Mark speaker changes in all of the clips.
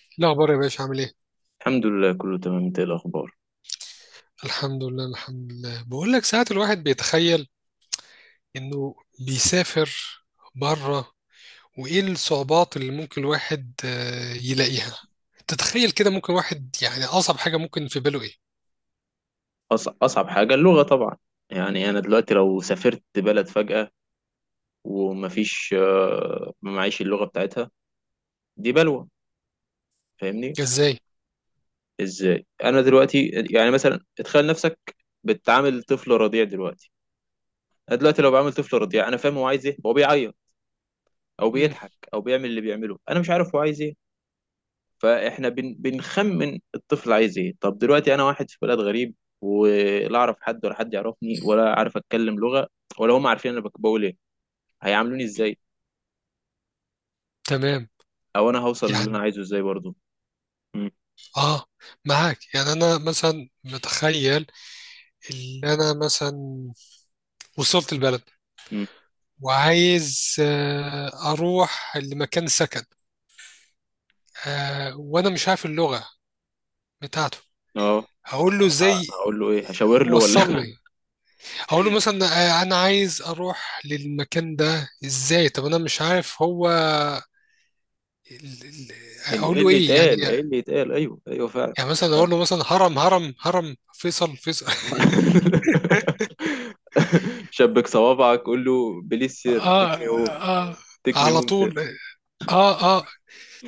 Speaker 1: إيه الأخبار يا باشا عامل إيه؟
Speaker 2: الحمد لله كله تمام، انت ايه الاخبار؟
Speaker 1: الحمد لله الحمد لله، بقول لك ساعات الواحد بيتخيل إنه بيسافر بره، وإيه الصعوبات اللي ممكن الواحد يلاقيها. تتخيل كده ممكن واحد يعني أصعب حاجة ممكن في باله إيه؟
Speaker 2: اصعب حاجه اللغه طبعا. يعني انا دلوقتي لو سافرت بلد فجاه ومفيش ما معيش اللغه بتاعتها، دي بلوه. فاهمني؟
Speaker 1: إزاي؟
Speaker 2: ازاي انا دلوقتي؟ يعني مثلا اتخيل نفسك بتعامل طفل رضيع دلوقتي. انا دلوقتي لو بعامل طفل رضيع انا فاهم هو عايز ايه، هو بيعيط او
Speaker 1: مم.
Speaker 2: بيضحك او بيعمل اللي بيعمله، انا مش عارف هو عايز ايه. فاحنا بنخمن الطفل عايز ايه. طب دلوقتي انا واحد في بلد غريب، ولا اعرف حد ولا حد يعرفني ولا عارف اتكلم لغة ولا هم عارفين انا بقول ايه، هيعاملوني ازاي،
Speaker 1: تمام.
Speaker 2: او انا هوصل اللي انا
Speaker 1: يعني
Speaker 2: عايزه ازاي برضه. امم
Speaker 1: آه معاك. يعني أنا مثلا متخيل إن أنا مثلا وصلت البلد
Speaker 2: امم
Speaker 1: وعايز أروح لمكان سكن، وأنا مش عارف اللغة بتاعته.
Speaker 2: اه،
Speaker 1: هقول له ازاي
Speaker 2: هقول له ايه؟ هشاور له ولا
Speaker 1: وصلني؟ هقول له مثلا انا عايز اروح للمكان ده ازاي؟ طب انا مش عارف هو ال- ال- اقول
Speaker 2: ايه
Speaker 1: له
Speaker 2: اللي
Speaker 1: ايه يعني.
Speaker 2: يتقال؟ ايه اللي يتقال؟ ايوه، ايوه، فعلا.
Speaker 1: يعني مثلا
Speaker 2: ف...
Speaker 1: اقول له مثلا هرم هرم هرم، فيصل فيصل
Speaker 2: شبك صوابعك قول له بليز سير تيك
Speaker 1: اه
Speaker 2: مي هوم.
Speaker 1: اه،
Speaker 2: تيك مي
Speaker 1: على
Speaker 2: هوم
Speaker 1: طول.
Speaker 2: سير.
Speaker 1: اه اه.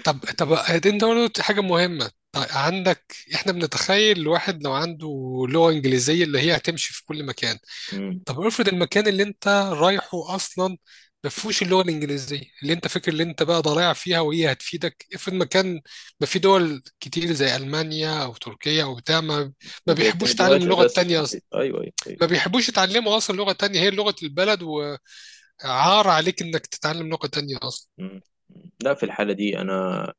Speaker 1: طب انت قلت حاجه مهمه. طيب عندك، احنا بنتخيل الواحد لو عنده لغه انجليزيه اللي هي هتمشي في كل مكان.
Speaker 2: مم.
Speaker 1: طب افرض المكان اللي انت رايحه اصلا ما فيهوش اللغه الانجليزيه اللي انت فاكر اللي انت بقى ضايع فيها وهي هتفيدك. افرض مكان ما، في دول كتير زي المانيا او تركيا او بتاع ما
Speaker 2: ما
Speaker 1: بيحبوش يتعلم
Speaker 2: بيعتمدوهاش
Speaker 1: اللغه
Speaker 2: اساس.
Speaker 1: التانيه اصلا،
Speaker 2: ايوه ايوه.
Speaker 1: ما بيحبوش يتعلموا اصلا لغه تانيه هي لغه البلد، وعار عليك انك تتعلم لغه تانيه اصلا.
Speaker 2: مم. لا في الحالة دي أنا،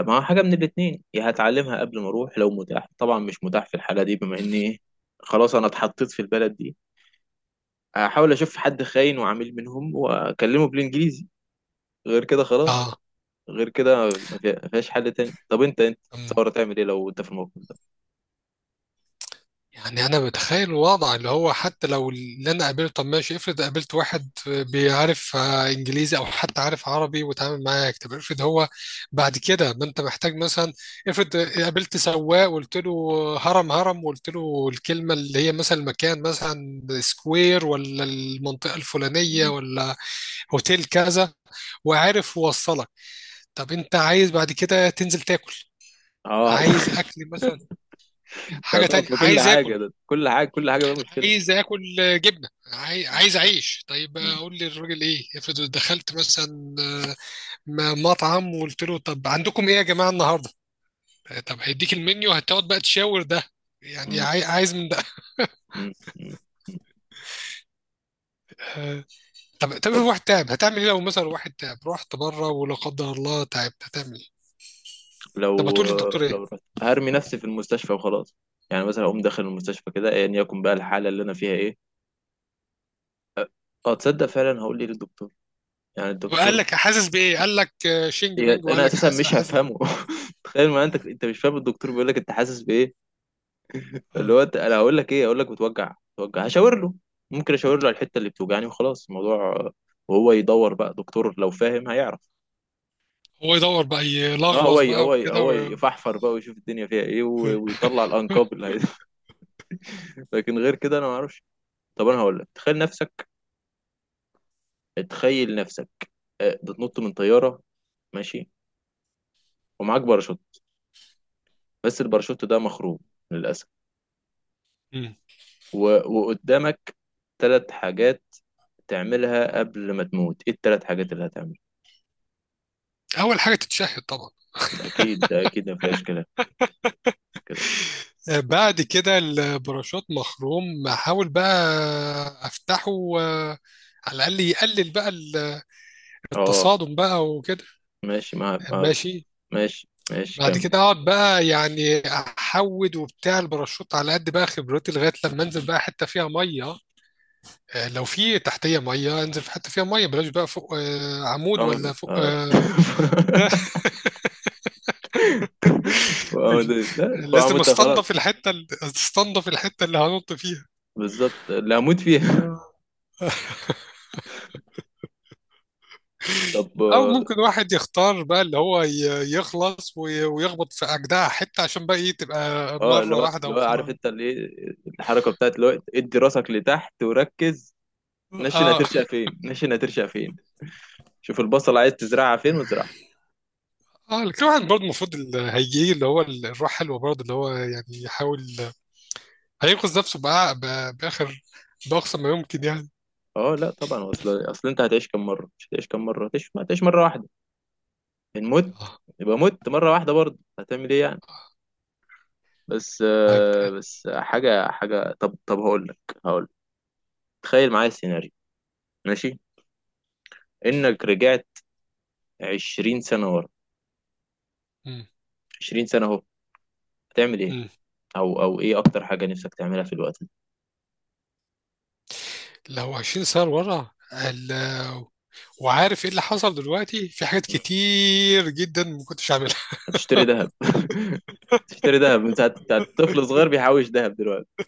Speaker 2: ما حاجة من الاتنين، يا هتعلمها قبل ما أروح لو متاح، طبعا مش متاح في الحالة دي بما إني إيه، خلاص أنا اتحطيت في البلد دي. أحاول أشوف حد خاين وعميل منهم وأكلمه بالإنجليزي، غير كده خلاص.
Speaker 1: اه.
Speaker 2: غير كده ما فيهاش حل تاني. طب أنت
Speaker 1: أمم.
Speaker 2: تصور تعمل إيه لو أنت في الموقف ده؟
Speaker 1: يعني انا بتخيل الوضع اللي هو حتى لو اللي انا قابلته، طب ماشي، افرض قابلت واحد بيعرف انجليزي او حتى عارف عربي وتعامل معاك. طب افرض هو بعد كده ما انت محتاج مثلا، افرض قابلت سواق وقلت له هرم هرم، وقلت له الكلمه اللي هي مثلا المكان مثلا سكوير، ولا المنطقه الفلانيه،
Speaker 2: مم.
Speaker 1: ولا هوتيل كذا، وعارف يوصلك. طب انت عايز بعد كده تنزل تاكل،
Speaker 2: أه
Speaker 1: عايز اكل مثلا،
Speaker 2: ده
Speaker 1: حاجه
Speaker 2: طبعا
Speaker 1: تانية،
Speaker 2: في كل
Speaker 1: عايز
Speaker 2: حاجة،
Speaker 1: اكل،
Speaker 2: ده كل حاجة، كل حاجة بقى مشكلة.
Speaker 1: عايز اكل جبنه،
Speaker 2: مم.
Speaker 1: عايز اعيش. طيب
Speaker 2: مم.
Speaker 1: اقول للراجل ايه؟ افرض دخلت مثلا مطعم وقلت له طب عندكم ايه يا جماعه النهارده، طب هيديك المنيو هتقعد بقى تشاور ده، يعني
Speaker 2: مم.
Speaker 1: عايز من ده.
Speaker 2: مم. مم.
Speaker 1: آه، طب في
Speaker 2: طب
Speaker 1: واحد تعب، هتعمل ايه لو مثلا واحد تعب؟ رحت بره ولا قدر الله تعبت، هتعمل ايه؟ طب
Speaker 2: لو،
Speaker 1: هتقول للدكتور ايه؟
Speaker 2: لو رحت هرمي نفسي في المستشفى وخلاص. يعني مثلا اقوم داخل المستشفى كده ايا يكن بقى الحاله اللي انا فيها ايه. اه تصدق فعلا هقول لي للدكتور، يعني
Speaker 1: طب قال
Speaker 2: الدكتور.
Speaker 1: لك حاسس بايه، قال لك شينج بينج، وقال
Speaker 2: انا
Speaker 1: لك
Speaker 2: اساسا
Speaker 1: حاسس
Speaker 2: مش
Speaker 1: حاسس.
Speaker 2: هفهمه تخيل، ما انت انت مش فاهم الدكتور بيقول لك انت حاسس بايه. اللي
Speaker 1: آه.
Speaker 2: هو انا هقول لك ايه؟ هقول لك بتوجع بتوجع، هشاور له. ممكن اشاور له على الحته اللي بتوجعني وخلاص الموضوع. آه، وهو يدور بقى، دكتور لو فاهم هيعرف.
Speaker 1: هو يدور بقى
Speaker 2: اه هو
Speaker 1: يلغوص بقى
Speaker 2: هو
Speaker 1: وكده
Speaker 2: هو
Speaker 1: و...
Speaker 2: يفحفر بقى ويشوف الدنيا فيها ايه
Speaker 1: آه.
Speaker 2: ويطلع الانكاب اللي هي. لكن غير كده انا ما اعرفش. طب انا هقول لك، تخيل نفسك، بتنط من طياره، ماشي، ومعاك باراشوت، بس الباراشوت ده مخروب، للاسف،
Speaker 1: مم.
Speaker 2: و... وقدامك ثلاث حاجات تعملها قبل ما تموت، ايه الثلاث حاجات اللي هتعملها؟
Speaker 1: اول حاجه تتشهد طبعا.
Speaker 2: ده اكيد ما فيهاش كلام كده.
Speaker 1: بعد كده البراشوت مخروم، احاول بقى افتحه، آه، على الاقل يقلل بقى
Speaker 2: اه
Speaker 1: التصادم بقى وكده.
Speaker 2: ماشي
Speaker 1: ماشي.
Speaker 2: ماشي، ماشي،
Speaker 1: بعد
Speaker 2: كمل.
Speaker 1: كده اقعد بقى يعني احود وبتاع الباراشوت على قد بقى خبرتي لغايه لما انزل بقى حته فيها ميه. لو في تحتيه ميه انزل في حته فيها ميه، بلاش بقى فوق عمود
Speaker 2: اه
Speaker 1: ولا فوق
Speaker 2: اه لا
Speaker 1: لازم
Speaker 2: فأموت ده
Speaker 1: استنضف
Speaker 2: خلاص.
Speaker 1: الحته، استنضف الحته اللي هنط
Speaker 2: بالظبط اللي هموت فيها.
Speaker 1: فيها.
Speaker 2: طب
Speaker 1: او
Speaker 2: آه،
Speaker 1: ممكن واحد يختار بقى اللي هو يخلص ويخبط في اجدع حته عشان بقى ايه، تبقى
Speaker 2: اه اللي
Speaker 1: مره
Speaker 2: هو
Speaker 1: واحده
Speaker 2: اللي هو عارف،
Speaker 1: وخلاص.
Speaker 2: انت اللي ايه، الحركه بتاعت اللي هو ادي راسك لتحت وركز. نشن
Speaker 1: اه
Speaker 2: هترشق فين؟ نشن هترشق فين؟ شوف البصل عايز تزرعها فين وازرعها.
Speaker 1: اه. لكن واحد برضه المفروض اللي هيجي اللي هو الروح حلوه برضه، اللي هو يعني يحاول هينقذ نفسه بقى باخر باقصى ما يمكن يعني.
Speaker 2: اه لا طبعا، اصل انت هتعيش كم مره؟ مش هتعيش كم مره، هتعيش، ما هتعيش مره واحده. ان مت
Speaker 1: اه.
Speaker 2: يبقى مت مره واحده، برضه هتعمل ايه يعني؟ بس
Speaker 1: طيب.
Speaker 2: آه، بس حاجه حاجه، طب هقول لك، هقول لك، تخيل معايا السيناريو، ماشي، انك رجعت 20 سنه ورا.
Speaker 1: مم.
Speaker 2: 20 سنه اهو، هتعمل ايه؟
Speaker 1: مم.
Speaker 2: او او ايه اكتر حاجه نفسك تعملها في الوقت
Speaker 1: لو 20 سنة سنه لورا وعارف ايه اللي حصل دلوقتي، في حاجات
Speaker 2: ده؟
Speaker 1: كتير جدا ما كنتش عاملها.
Speaker 2: هتشتري ذهب تشتري ذهب من ساعة بتاع طفل صغير بيحوش ذهب دلوقتي.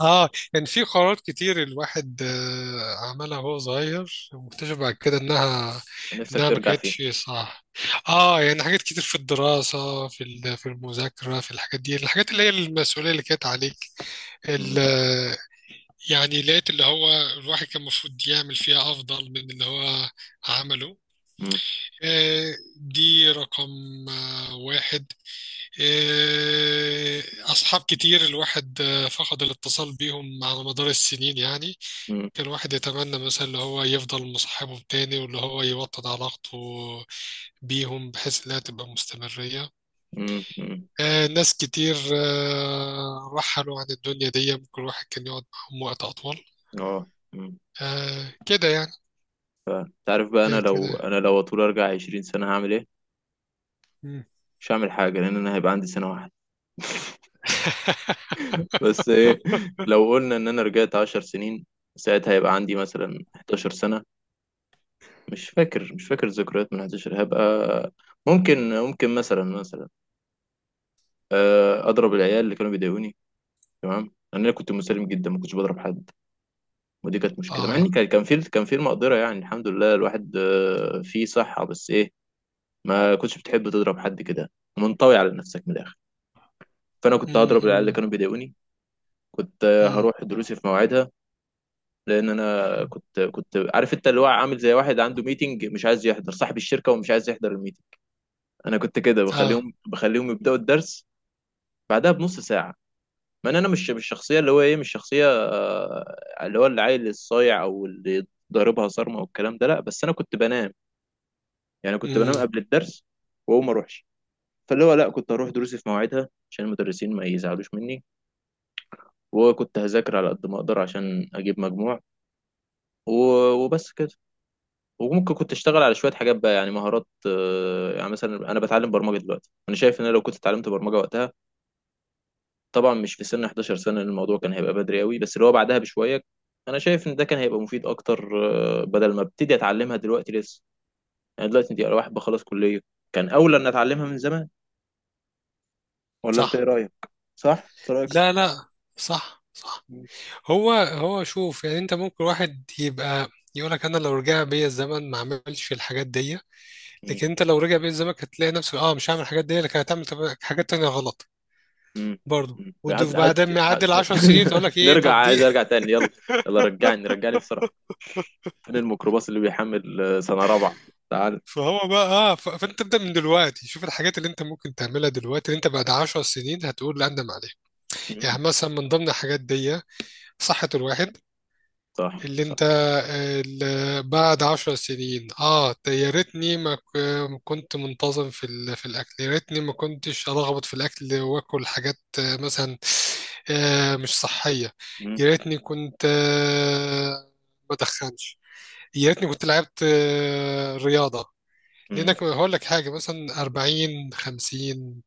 Speaker 1: اه، كان في قرارات كتير الواحد عملها وهو صغير واكتشف بعد كده
Speaker 2: نفسك
Speaker 1: انها ما
Speaker 2: ترجع فيه.
Speaker 1: كانتش صح. اه، يعني حاجات كتير في الدراسة، في في المذاكرة، في الحاجات دي، الحاجات اللي هي المسؤولية اللي كانت عليك، ال-
Speaker 2: مم.
Speaker 1: آه، يعني لقيت اللي هو الواحد كان المفروض يعمل فيها افضل من اللي هو عمله.
Speaker 2: مم.
Speaker 1: دي رقم واحد. آه، أصحاب كتير الواحد فقد الاتصال بيهم على مدار السنين، يعني
Speaker 2: مم.
Speaker 1: الواحد يتمنى مثلا اللي هو يفضل مصاحبهم تاني، واللي هو يوطد علاقته بيهم بحيث انها تبقى مستمرية.
Speaker 2: مم. مم.
Speaker 1: آه، ناس كتير آه رحلوا عن الدنيا دي، ممكن الواحد كان يقعد معاهم وقت أطول،
Speaker 2: اه مم.
Speaker 1: آه كده يعني.
Speaker 2: ف- تعرف بقى انا
Speaker 1: آه
Speaker 2: لو،
Speaker 1: كده.
Speaker 2: انا لو اطول ارجع 20 سنة هعمل ايه؟
Speaker 1: مم.
Speaker 2: مش هعمل حاجة لان انا هيبقى عندي سنة واحدة بس. ايه لو قلنا ان انا رجعت 10 سنين، ساعتها هيبقى عندي مثلا 11 سنة. مش فاكر، مش فاكر الذكريات من 11 هبقى. ممكن، ممكن مثلا، مثلا آه، اضرب العيال اللي كانوا بيضايقوني. تمام، لان انا كنت مسالم جدا ما كنتش بضرب حد، ودي كانت مشكله، مع
Speaker 1: اه
Speaker 2: ان كان في، كان في المقدره يعني، الحمد لله الواحد آه، فيه صحه، بس ايه، ما كنتش بتحب تضرب حد كده، منطوي على نفسك من الاخر. فانا كنت
Speaker 1: مم.
Speaker 2: هضرب العيال اللي
Speaker 1: مم.
Speaker 2: كانوا بيضايقوني. كنت آه،
Speaker 1: مم.
Speaker 2: هروح دروسي في مواعيدها، لان انا كنت عارف انت اللي هو عامل زي واحد عنده ميتنج، مش عايز يحضر، صاحب الشركه ومش عايز يحضر الميتنج. انا كنت كده
Speaker 1: اه
Speaker 2: بخليهم يبداوا الدرس بعدها بنص ساعه. ما انا أنا مش الشخصيه اللي هو ايه، مش شخصيه آه، اللي هو العيل الصايع او اللي ضاربها صارمه والكلام ده، لا بس انا كنت بنام. يعني كنت
Speaker 1: مم.
Speaker 2: بنام قبل الدرس واقوم اروحش. فاللي هو لا، كنت اروح دروسي في مواعيدها عشان المدرسين ما يزعلوش مني. وكنت هذاكر على قد ما اقدر عشان اجيب مجموع. وبس كده. وممكن كنت اشتغل على شويه حاجات بقى، يعني مهارات، آه، يعني مثلا انا بتعلم برمجه دلوقتي، انا شايف ان انا لو كنت اتعلمت برمجه وقتها، طبعا مش في سن 11 سنه لأن الموضوع كان هيبقى بدري قوي، بس اللي هو بعدها بشويه، انا شايف ان ده كان هيبقى مفيد اكتر، آه، بدل ما ابتدي اتعلمها دلوقتي لسه. يعني دلوقتي دي واحد بخلص كليه، كان اولى ان اتعلمها من زمان. ولا انت ايه
Speaker 1: صح.
Speaker 2: رايك؟ صح. انت رايك
Speaker 1: لا
Speaker 2: صح.
Speaker 1: لا، صح صح.
Speaker 2: مم.
Speaker 1: هو هو شوف، يعني انت ممكن واحد يبقى يقولك انا لو رجع بيا الزمن ما عملش الحاجات دي، لكن انت لو رجع بيت زمانك هتلاقي نفسك اه مش هعمل الحاجات دي لكن هتعمل حاجات تانية غلط
Speaker 2: مم.
Speaker 1: برضه،
Speaker 2: مم. هات هات،
Speaker 1: وبعدين ما يعدي
Speaker 2: هات.
Speaker 1: العشر سنين تقول لك ايه
Speaker 2: نرجع،
Speaker 1: طب دي
Speaker 2: عايز ارجع تاني، يلا. يلا رجعني، رجعني بسرعة. فين الميكروباص اللي بيحمل آه، سنة رابعة؟ تعال.
Speaker 1: فهو بقى اه فانت ابدا من دلوقتي، شوف الحاجات اللي انت ممكن تعملها دلوقتي اللي انت بعد عشر سنين هتقول لا اندم عليها.
Speaker 2: مم.
Speaker 1: يعني مثلا من ضمن الحاجات دي صحة الواحد،
Speaker 2: صح
Speaker 1: اللي
Speaker 2: صح.
Speaker 1: انت اللي بعد عشر سنين اه ده يا ريتني ما كنت منتظم في في الاكل، يا ريتني ما كنتش ارغبط في الاكل واكل حاجات مثلا مش صحيه،
Speaker 2: مم.
Speaker 1: يا ريتني كنت ما ادخنش، يا ريتني كنت لعبت رياضه.
Speaker 2: مم.
Speaker 1: لانك هقول لك حاجه مثلا 40 50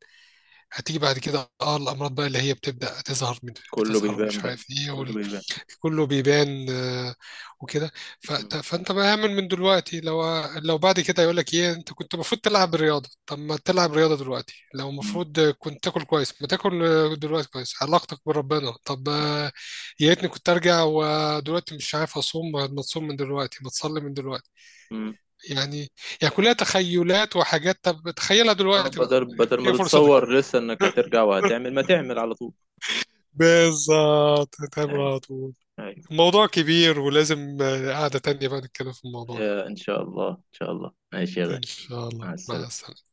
Speaker 1: هتيجي بعد كده اه الامراض بقى اللي هي بتبدا تظهر
Speaker 2: كله
Speaker 1: بتظهر
Speaker 2: بيبان
Speaker 1: مش
Speaker 2: بقى،
Speaker 1: عارف ايه،
Speaker 2: كله بيبان.
Speaker 1: كله بيبان وكده.
Speaker 2: مم.
Speaker 1: فانت بقى اعمل من دلوقتي، لو لو بعد كده يقول لك ايه انت كنت المفروض تلعب رياضه، طب ما تلعب رياضه دلوقتي. لو
Speaker 2: مم.
Speaker 1: المفروض كنت تاكل كويس، ما تاكل دلوقتي كويس. علاقتك بربنا، طب يا ريتني كنت ارجع ودلوقتي مش عارف اصوم، ما تصوم من دلوقتي، ما تصلي من دلوقتي.
Speaker 2: مم.
Speaker 1: يعني يعني كلها تخيلات وحاجات، طب تخيلها
Speaker 2: آه،
Speaker 1: دلوقتي بقى.
Speaker 2: بدل، بدل ما
Speaker 1: هي فرصتك،
Speaker 2: تتصور لسه انك هترجع وهتعمل، ما تعمل على طول.
Speaker 1: بالظبط تمام
Speaker 2: هاي.
Speaker 1: على طول.
Speaker 2: هاي.
Speaker 1: الموضوع كبير ولازم قعدة تانية بقى نتكلم في الموضوع ده.
Speaker 2: آه، ان شاء الله، ان شاء الله، ماشي يا
Speaker 1: إن
Speaker 2: غالي.
Speaker 1: شاء
Speaker 2: مع
Speaker 1: الله، مع
Speaker 2: السلامة.
Speaker 1: السلامة.